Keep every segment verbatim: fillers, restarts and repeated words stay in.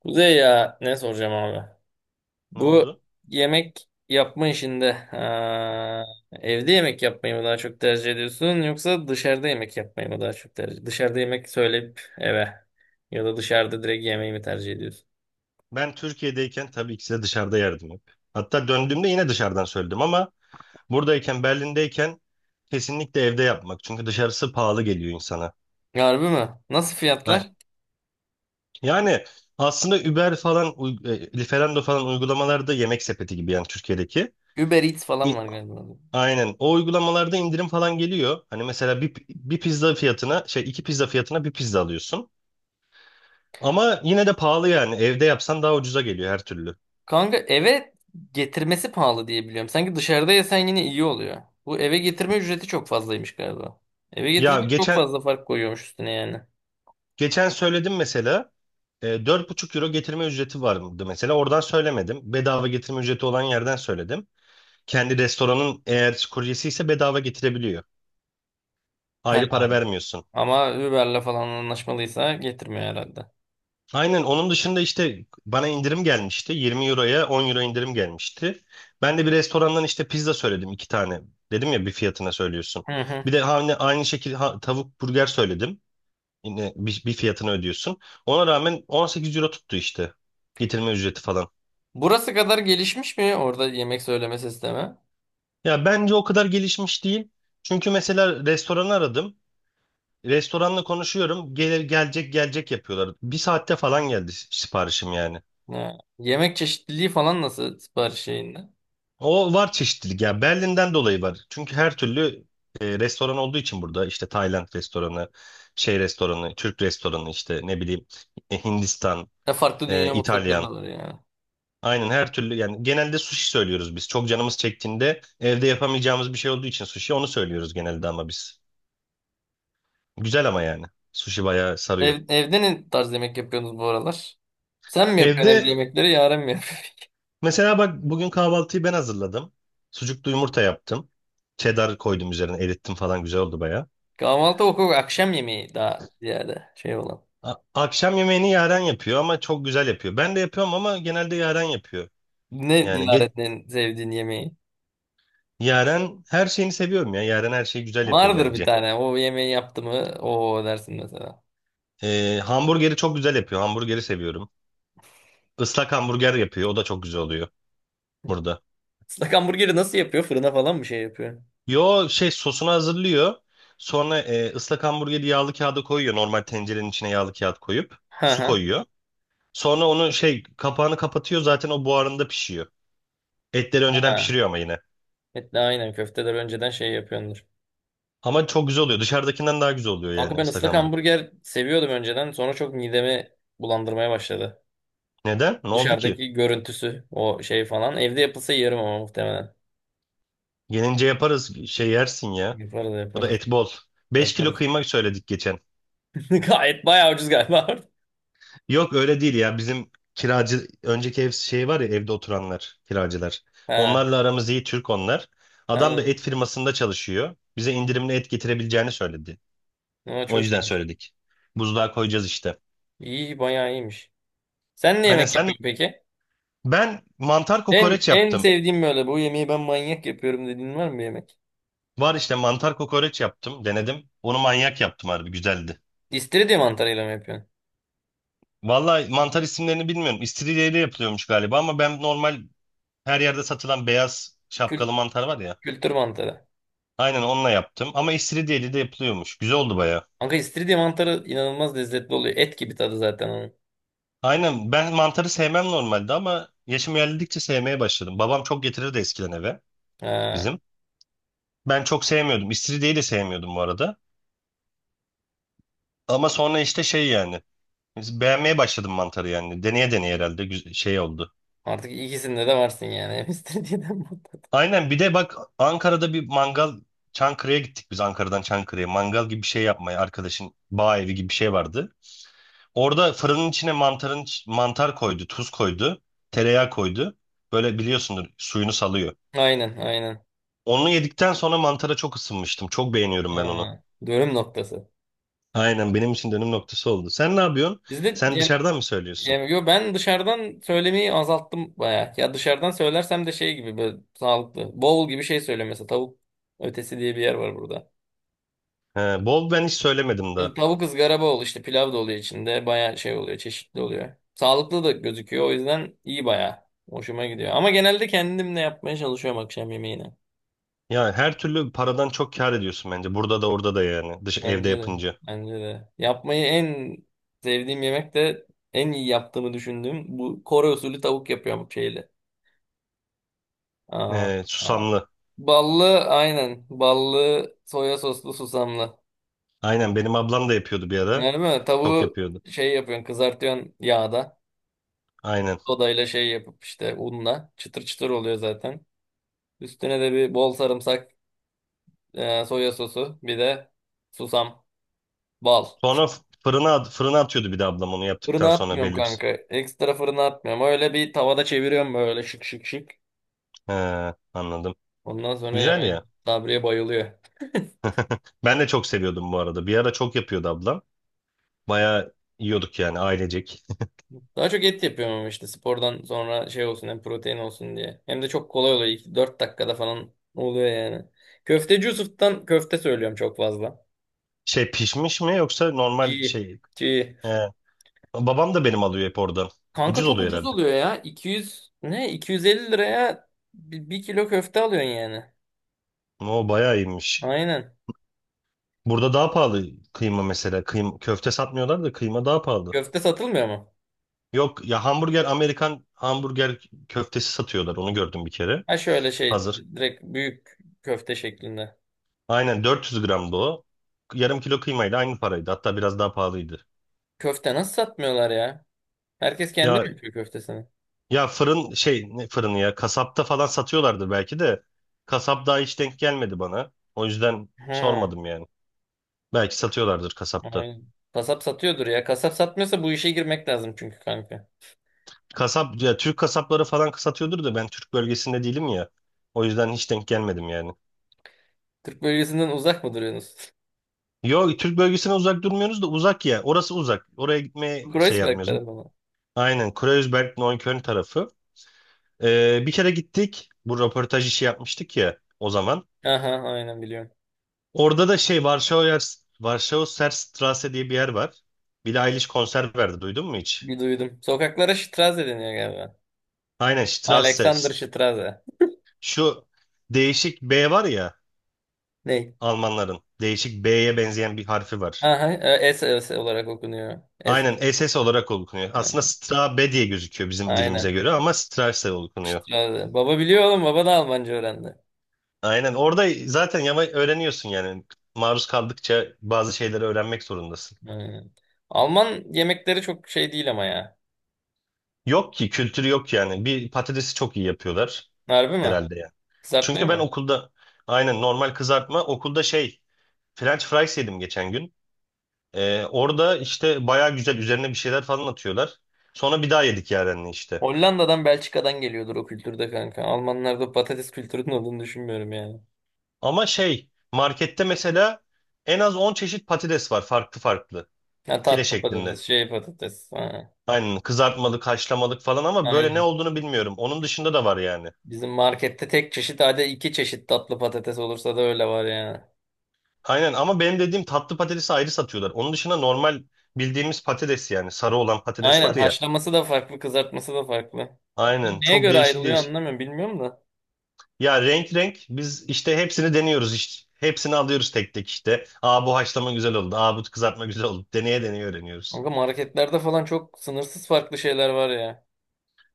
Kuzey ya ne soracağım abi? Ne Bu oldu? yemek yapma işinde ha, evde yemek yapmayı mı daha çok tercih ediyorsun yoksa dışarıda yemek yapmayı mı daha çok tercih? Dışarıda yemek söyleyip eve ya da dışarıda direkt yemeği mi tercih ediyorsun? Ben Türkiye'deyken tabii ki size dışarıda yerdim hep. Hatta döndüğümde yine dışarıdan söyledim ama buradayken Berlin'deyken kesinlikle evde yapmak. Çünkü dışarısı pahalı geliyor insana. Harbi mi? Nasıl Ha, fiyatlar? Yani aslında Uber falan, uy- e, Lieferando falan uygulamalarda yemek sepeti gibi yani Türkiye'deki. Uber Eats falan İ- var galiba. Aynen. O uygulamalarda indirim falan geliyor. Hani mesela bir, bir pizza fiyatına şey iki pizza fiyatına bir pizza alıyorsun. Ama yine de pahalı yani. Evde yapsan daha ucuza geliyor her türlü. Kanka eve getirmesi pahalı diye biliyorum. Sanki dışarıda yesen yine iyi oluyor. Bu eve getirme ücreti çok fazlaymış galiba. Eve Ya getirince çok geçen fazla fark koyuyormuş üstüne yani. geçen söyledim mesela. E, dört buçuk euro getirme ücreti vardı mesela. Oradan söylemedim. Bedava getirme ücreti olan yerden söyledim. Kendi restoranın eğer kuryesi ise bedava getirebiliyor. He, Ayrı para vermiyorsun. ama Uber'le falan anlaşmalıysa getirmiyor herhalde. Aynen onun dışında işte bana indirim gelmişti. Yirmi euroya on euro indirim gelmişti. Ben de bir restorandan işte pizza söyledim iki tane. Dedim ya bir fiyatına söylüyorsun. Hı hı. Bir de aynı aynı şekilde ha- tavuk burger söyledim. Yine bir, bir fiyatını ödüyorsun. Ona rağmen on sekiz euro tuttu işte. Getirme ücreti falan. Burası kadar gelişmiş mi orada yemek söyleme sistemi? Ya bence o kadar gelişmiş değil. Çünkü mesela restoranı aradım. Restoranla konuşuyorum. Gel, gelecek gelecek yapıyorlar. Bir saatte falan geldi si- siparişim yani. Ha, yemek çeşitliliği falan nasıl sipariş şeyinde? O var çeşitlilik ya. Berlin'den dolayı var. Çünkü her türlü e, restoran olduğu için burada işte Tayland restoranı, şey restoranı, Türk restoranı işte ne bileyim e, Hindistan, Ya farklı e, dünya mutfakları da İtalyan. var yani. Aynen her türlü yani genelde sushi söylüyoruz biz. Çok canımız çektiğinde evde yapamayacağımız bir şey olduğu için sushi onu söylüyoruz genelde ama biz. Güzel ama yani. Sushi bayağı sarıyor. Ev, evde ne tarz yemek yapıyorsunuz bu aralar? Sen mi yapıyorsun evde Evde yemekleri, Yaren mi yapıyor? mesela bak bugün kahvaltıyı ben hazırladım. Sucuklu yumurta yaptım. Cheddar koydum üzerine erittim falan güzel oldu baya. Kahvaltı okul akşam yemeği daha ziyade şey olan. A- Akşam yemeğini Yaren yapıyor ama çok güzel yapıyor. Ben de yapıyorum ama genelde Yaren yapıyor. Ne Yani ge- Yaren'in sevdiğin yemeği? Yaren her şeyini seviyorum ya. Yaren her şeyi güzel yapıyor Vardır bir bence. tane. O yemeği yaptı mı? O dersin mesela. Ee, hamburgeri çok güzel yapıyor. Hamburgeri seviyorum. Islak hamburger yapıyor. O da çok güzel oluyor burada. Islak hamburgeri nasıl yapıyor? Fırına falan mı şey yapıyor? Yo şey sosunu hazırlıyor. Sonra e, ıslak hamburgeri yağlı kağıda koyuyor. Normal tencerenin içine yağlı kağıt koyup Hı su hı. koyuyor. Sonra onu şey kapağını kapatıyor zaten o buharında pişiyor. Etleri önceden Ha. pişiriyor ama yine. Evet, de aynen köfteler önceden şey yapıyordur. Ama çok güzel oluyor. Dışarıdakinden daha güzel oluyor Kanka yani ben ıslak ıslak hamburger. hamburger seviyordum önceden. Sonra çok midemi bulandırmaya başladı. Neden? Ne oldu ki? Dışarıdaki görüntüsü, o şey falan. Evde yapılsa yerim ama muhtemelen. Gelince yaparız şey yersin ya. Yaparız Bu da yaparız. et bol. Beş kilo Yaparız. kıyma söyledik geçen. Gayet bayağı ucuz galiba. Yok öyle değil ya. Bizim kiracı önceki ev şey var ya evde oturanlar kiracılar. Ha. Onlarla aramız iyi Türk onlar. Adam da Ha. et firmasında çalışıyor. Bize indirimli et getirebileceğini söyledi. Ama O çok yüzden iyiymiş. söyledik. Buzluğa koyacağız işte. İyi bayağı iyiymiş. Sen ne Aynen yemek sen yapıyorsun peki? Ben mantar En kokoreç en yaptım. sevdiğim böyle bu yemeği ben manyak yapıyorum dediğin var mı bir yemek? Var işte mantar kokoreç yaptım. Denedim. Onu manyak yaptım harbi güzeldi. İstiridye mantarıyla mı yapıyorsun? Vallahi mantar isimlerini bilmiyorum. İstiridyeyle yapılıyormuş galiba ama ben normal her yerde satılan beyaz Kül şapkalı mantar var ya. kültür mantarı. Aynen onunla yaptım ama istiridyeyle de yapılıyormuş. Güzel oldu baya. Kanka istiridye mantarı inanılmaz lezzetli oluyor. Et gibi tadı zaten onun. Aynen ben mantarı sevmem normalde ama yaşım ilerledikçe sevmeye başladım. Babam çok getirirdi eskiden eve Ha. bizim. Ben çok sevmiyordum. İstiridyeyi de sevmiyordum bu arada. Ama sonra işte şey yani Biz Beğenmeye başladım mantarı yani. Deneye deneye herhalde güz- şey oldu. Artık ikisinde de varsın yani. Hem istiridyeden mantar. Aynen bir de bak Ankara'da bir mangal Çankırı'ya gittik biz Ankara'dan Çankırı'ya. Mangal gibi bir şey yapmaya arkadaşın bağ evi gibi bir şey vardı. Orada fırının içine mantarın iç- mantar koydu, tuz koydu, tereyağı koydu. Böyle biliyorsundur suyunu salıyor. Aynen aynen. Onu yedikten sonra mantara çok ısınmıştım. Çok beğeniyorum ben onu. Ha. Dönüm noktası. Aynen benim için dönüm noktası oldu. Sen ne yapıyorsun? Bizde. Sen dışarıdan mı söylüyorsun? Yani yo ben dışarıdan söylemeyi azalttım bayağı. Ya dışarıdan söylersem de şey gibi böyle sağlıklı. Bowl gibi şey söylüyorum mesela tavuk ötesi diye bir yer var burada. He, bol ben hiç söylemedim. Şimdi tavuk ızgara bowl işte pilav da oluyor içinde. Bayağı şey oluyor çeşitli oluyor. Sağlıklı da gözüküyor o yüzden iyi bayağı. Hoşuma gidiyor. Ama genelde kendimle yapmaya çalışıyorum akşam yemeğini. Yani her türlü paradan çok kâr ediyorsun bence. Burada da orada da yani. Dış evde Bence de. yapınca. Bence de. Yapmayı en sevdiğim yemek de en iyi yaptığımı düşündüğüm bu Kore usulü tavuk yapıyorum şeyle. Aa, Ee, aa. Susamlı. Ballı aynen. Ballı soya soslu susamlı. Aynen benim ablam da yapıyordu bir ara. Öyle mi? Çok Tavuğu yapıyordu. şey yapıyorsun kızartıyorsun yağda. Aynen. Sodayla şey yapıp işte unla. Çıtır çıtır oluyor zaten. Üstüne de bir bol sarımsak, e, soya sosu. Bir de susam. Bal. Sonra f- fırına at- fırına atıyordu bir de ablam onu yaptıktan Fırına sonra atmıyorum belli bir. kanka. Ekstra fırına atmıyorum. Öyle bir tavada çeviriyorum böyle şık şık şık. He, anladım. Ondan sonra Güzel yemeğin. ya. Sabriye bayılıyor. Ben de çok seviyordum bu arada. Bir ara çok yapıyordu ablam. Bayağı yiyorduk yani ailecek. Daha çok et yapıyorum ama işte spordan sonra şey olsun hem protein olsun diye. Hem de çok kolay oluyor. İlk dört dakikada falan oluyor yani. Köfteci Yusuf'tan köfte söylüyorum çok fazla. Şey pişmiş mi yoksa normal İyi. şey. İyi. He. Babam da benim alıyor hep oradan. Kanka Ucuz çok oluyor ucuz herhalde. oluyor ya. iki yüz ne? iki yüz elli liraya bir bir kilo köfte alıyorsun yani. O bayağı iyiymiş. Aynen. Burada daha pahalı kıyma mesela. Kıyma, köfte satmıyorlar da kıyma daha pahalı. Köfte satılmıyor mu? Yok ya hamburger Amerikan hamburger köftesi satıyorlar. Onu gördüm bir kere. Ha şöyle şey Hazır. direkt büyük köfte şeklinde. Aynen dört yüz gramdı o. Yarım kilo kıymayla aynı paraydı. Hatta biraz daha pahalıydı. Köfte nasıl satmıyorlar ya? Herkes kendi mi Ya yapıyor köftesini? ya fırın şey ne fırını ya kasapta falan satıyorlardır belki de kasap daha hiç denk gelmedi bana. O yüzden Hı. sormadım yani. Belki satıyorlardır kasapta. Aynen. Kasap satıyordur ya. Kasap satmıyorsa bu işe girmek lazım çünkü kanka. Kasap ya Türk kasapları falan satıyordur da ben Türk bölgesinde değilim ya. O yüzden hiç denk gelmedim yani. Türk bölgesinden uzak mı duruyorsunuz? Yok Türk bölgesinden uzak durmuyoruz da uzak ya. Orası uzak. Oraya gitmeye şey Kreuzberg yapmıyoruz. tarafı mı? Aynen. Kreuzberg, Neukölln tarafı. Ee, bir kere gittik. Bu röportaj işi yapmıştık ya o zaman. Aha aynen biliyorum. Orada da şey Varşova Varşova Serstrasse diye bir yer var. Billie Eilish konser verdi. Duydun mu hiç? Bir duydum. Sokaklara Straße deniyor galiba. Aynen Alexander Strasse. Straße. Şu Değişik B var ya Ne? Almanların. Değişik B'ye benzeyen bir harfi var. Aha, e, S, S olarak okunuyor. Aynen S. S S olarak okunuyor. Aslında Aynen. Stra B diye gözüküyor bizim dilimize Aynen. göre ama Strasse okunuyor. Straße. Baba biliyor oğlum. Baba da Almanca öğrendi. Aynen. Orada zaten yama öğreniyorsun yani. Maruz kaldıkça bazı şeyleri öğrenmek zorundasın. Aynen. Alman yemekleri çok şey değil ama ya. Yok ki kültürü yok yani. Bir patatesi çok iyi yapıyorlar Harbi mi? herhalde yani. Kızartmayı Çünkü ben mı? okulda aynen normal kızartma okulda şey French fries yedim geçen gün. Ee, orada işte baya güzel üzerine bir şeyler falan atıyorlar. Sonra bir daha yedik yarenle işte. Hollanda'dan Belçika'dan geliyordur o kültürde kanka. Almanlarda patates kültürünün olduğunu düşünmüyorum yani. Ama şey markette mesela en az on çeşit patates var farklı farklı Ha, file tatlı şeklinde. patates, şey patates. Ha, Aynen kızartmalık, haşlamalık falan ama böyle ne aynen. olduğunu bilmiyorum. Onun dışında da var yani. Bizim markette tek çeşit hadi iki çeşit tatlı patates olursa da öyle var yani. Aynen ama benim dediğim tatlı patatesi ayrı satıyorlar. Onun dışında normal bildiğimiz patates yani sarı olan patates Aynen var ya. haşlaması da farklı, kızartması da farklı. Aynen Neye çok göre değişik ayrılıyor değişik. anlamıyorum bilmiyorum da. Ya renk renk biz işte hepsini deniyoruz işte. Hepsini alıyoruz tek tek işte. Aa bu haşlama güzel oldu. Aa bu kızartma güzel oldu. Deneye deneye öğreniyoruz. Kanka marketlerde falan çok sınırsız farklı şeyler var ya.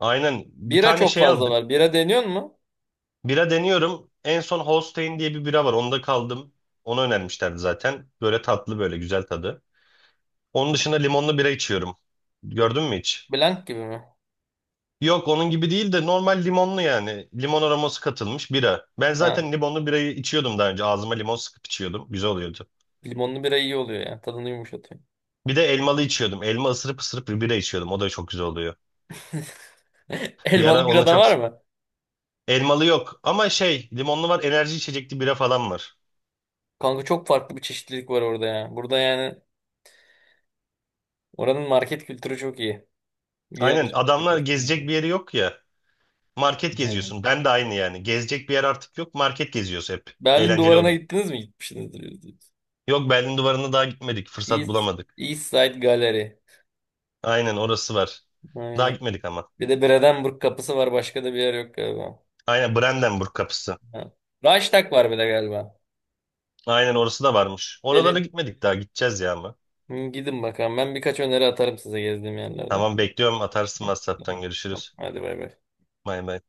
Aynen bir Bira tane çok şey fazla aldık. var. Bira deniyor mu? Bira deniyorum. En son Holstein diye bir bira var. Onda kaldım. Onu önermişlerdi zaten. Böyle tatlı böyle güzel tadı. Onun dışında limonlu bira içiyorum. Gördün mü hiç? Blank gibi mi? Yok onun gibi değil de normal limonlu yani. Limon aroması katılmış bira. Ben Ha, zaten limonlu birayı içiyordum daha önce. Ağzıma limon sıkıp içiyordum. Güzel oluyordu. limonlu bira iyi oluyor ya. Tadını yumuşatıyor. Bir de elmalı içiyordum. Elma ısırıp ısırıp bir bira içiyordum. O da çok güzel oluyor. Bir Elmalı ara bira onu da çok... var mı? Elmalı yok ama şey limonlu var enerji içecekli bira falan var. Kanka çok farklı bir çeşitlilik var orada ya. Burada yani oranın market kültürü çok iyi. İyi Aynen alışveriş adamlar yaparsın yani. gezecek bir yeri yok ya. Market Aynen. geziyorsun. Ben de aynı yani. Gezecek bir yer artık yok. Market geziyoruz hep. Berlin Eğlenceli duvarına oluyor. gittiniz mi? Gitmişsinizdir. Yüzde yüz. Yok Berlin duvarına daha gitmedik. Fırsat East, bulamadık. East Side Gallery. Aynen orası var. Daha Aynen. gitmedik ama. Bir de Brandenburg kapısı var. Başka da bir yer yok galiba. Aynen Brandenburg kapısı. Ha. Reichstag var bir de galiba. Aynen orası da varmış. Oralara Belin. gitmedik daha. Gideceğiz ya ama. Hı, gidin bakalım. Ben birkaç öneri atarım size gezdiğim yerlerden. Tamam bekliyorum. Atarsın Hı, WhatsApp'tan. tamam. Görüşürüz. Hadi bay bay. Bay bay.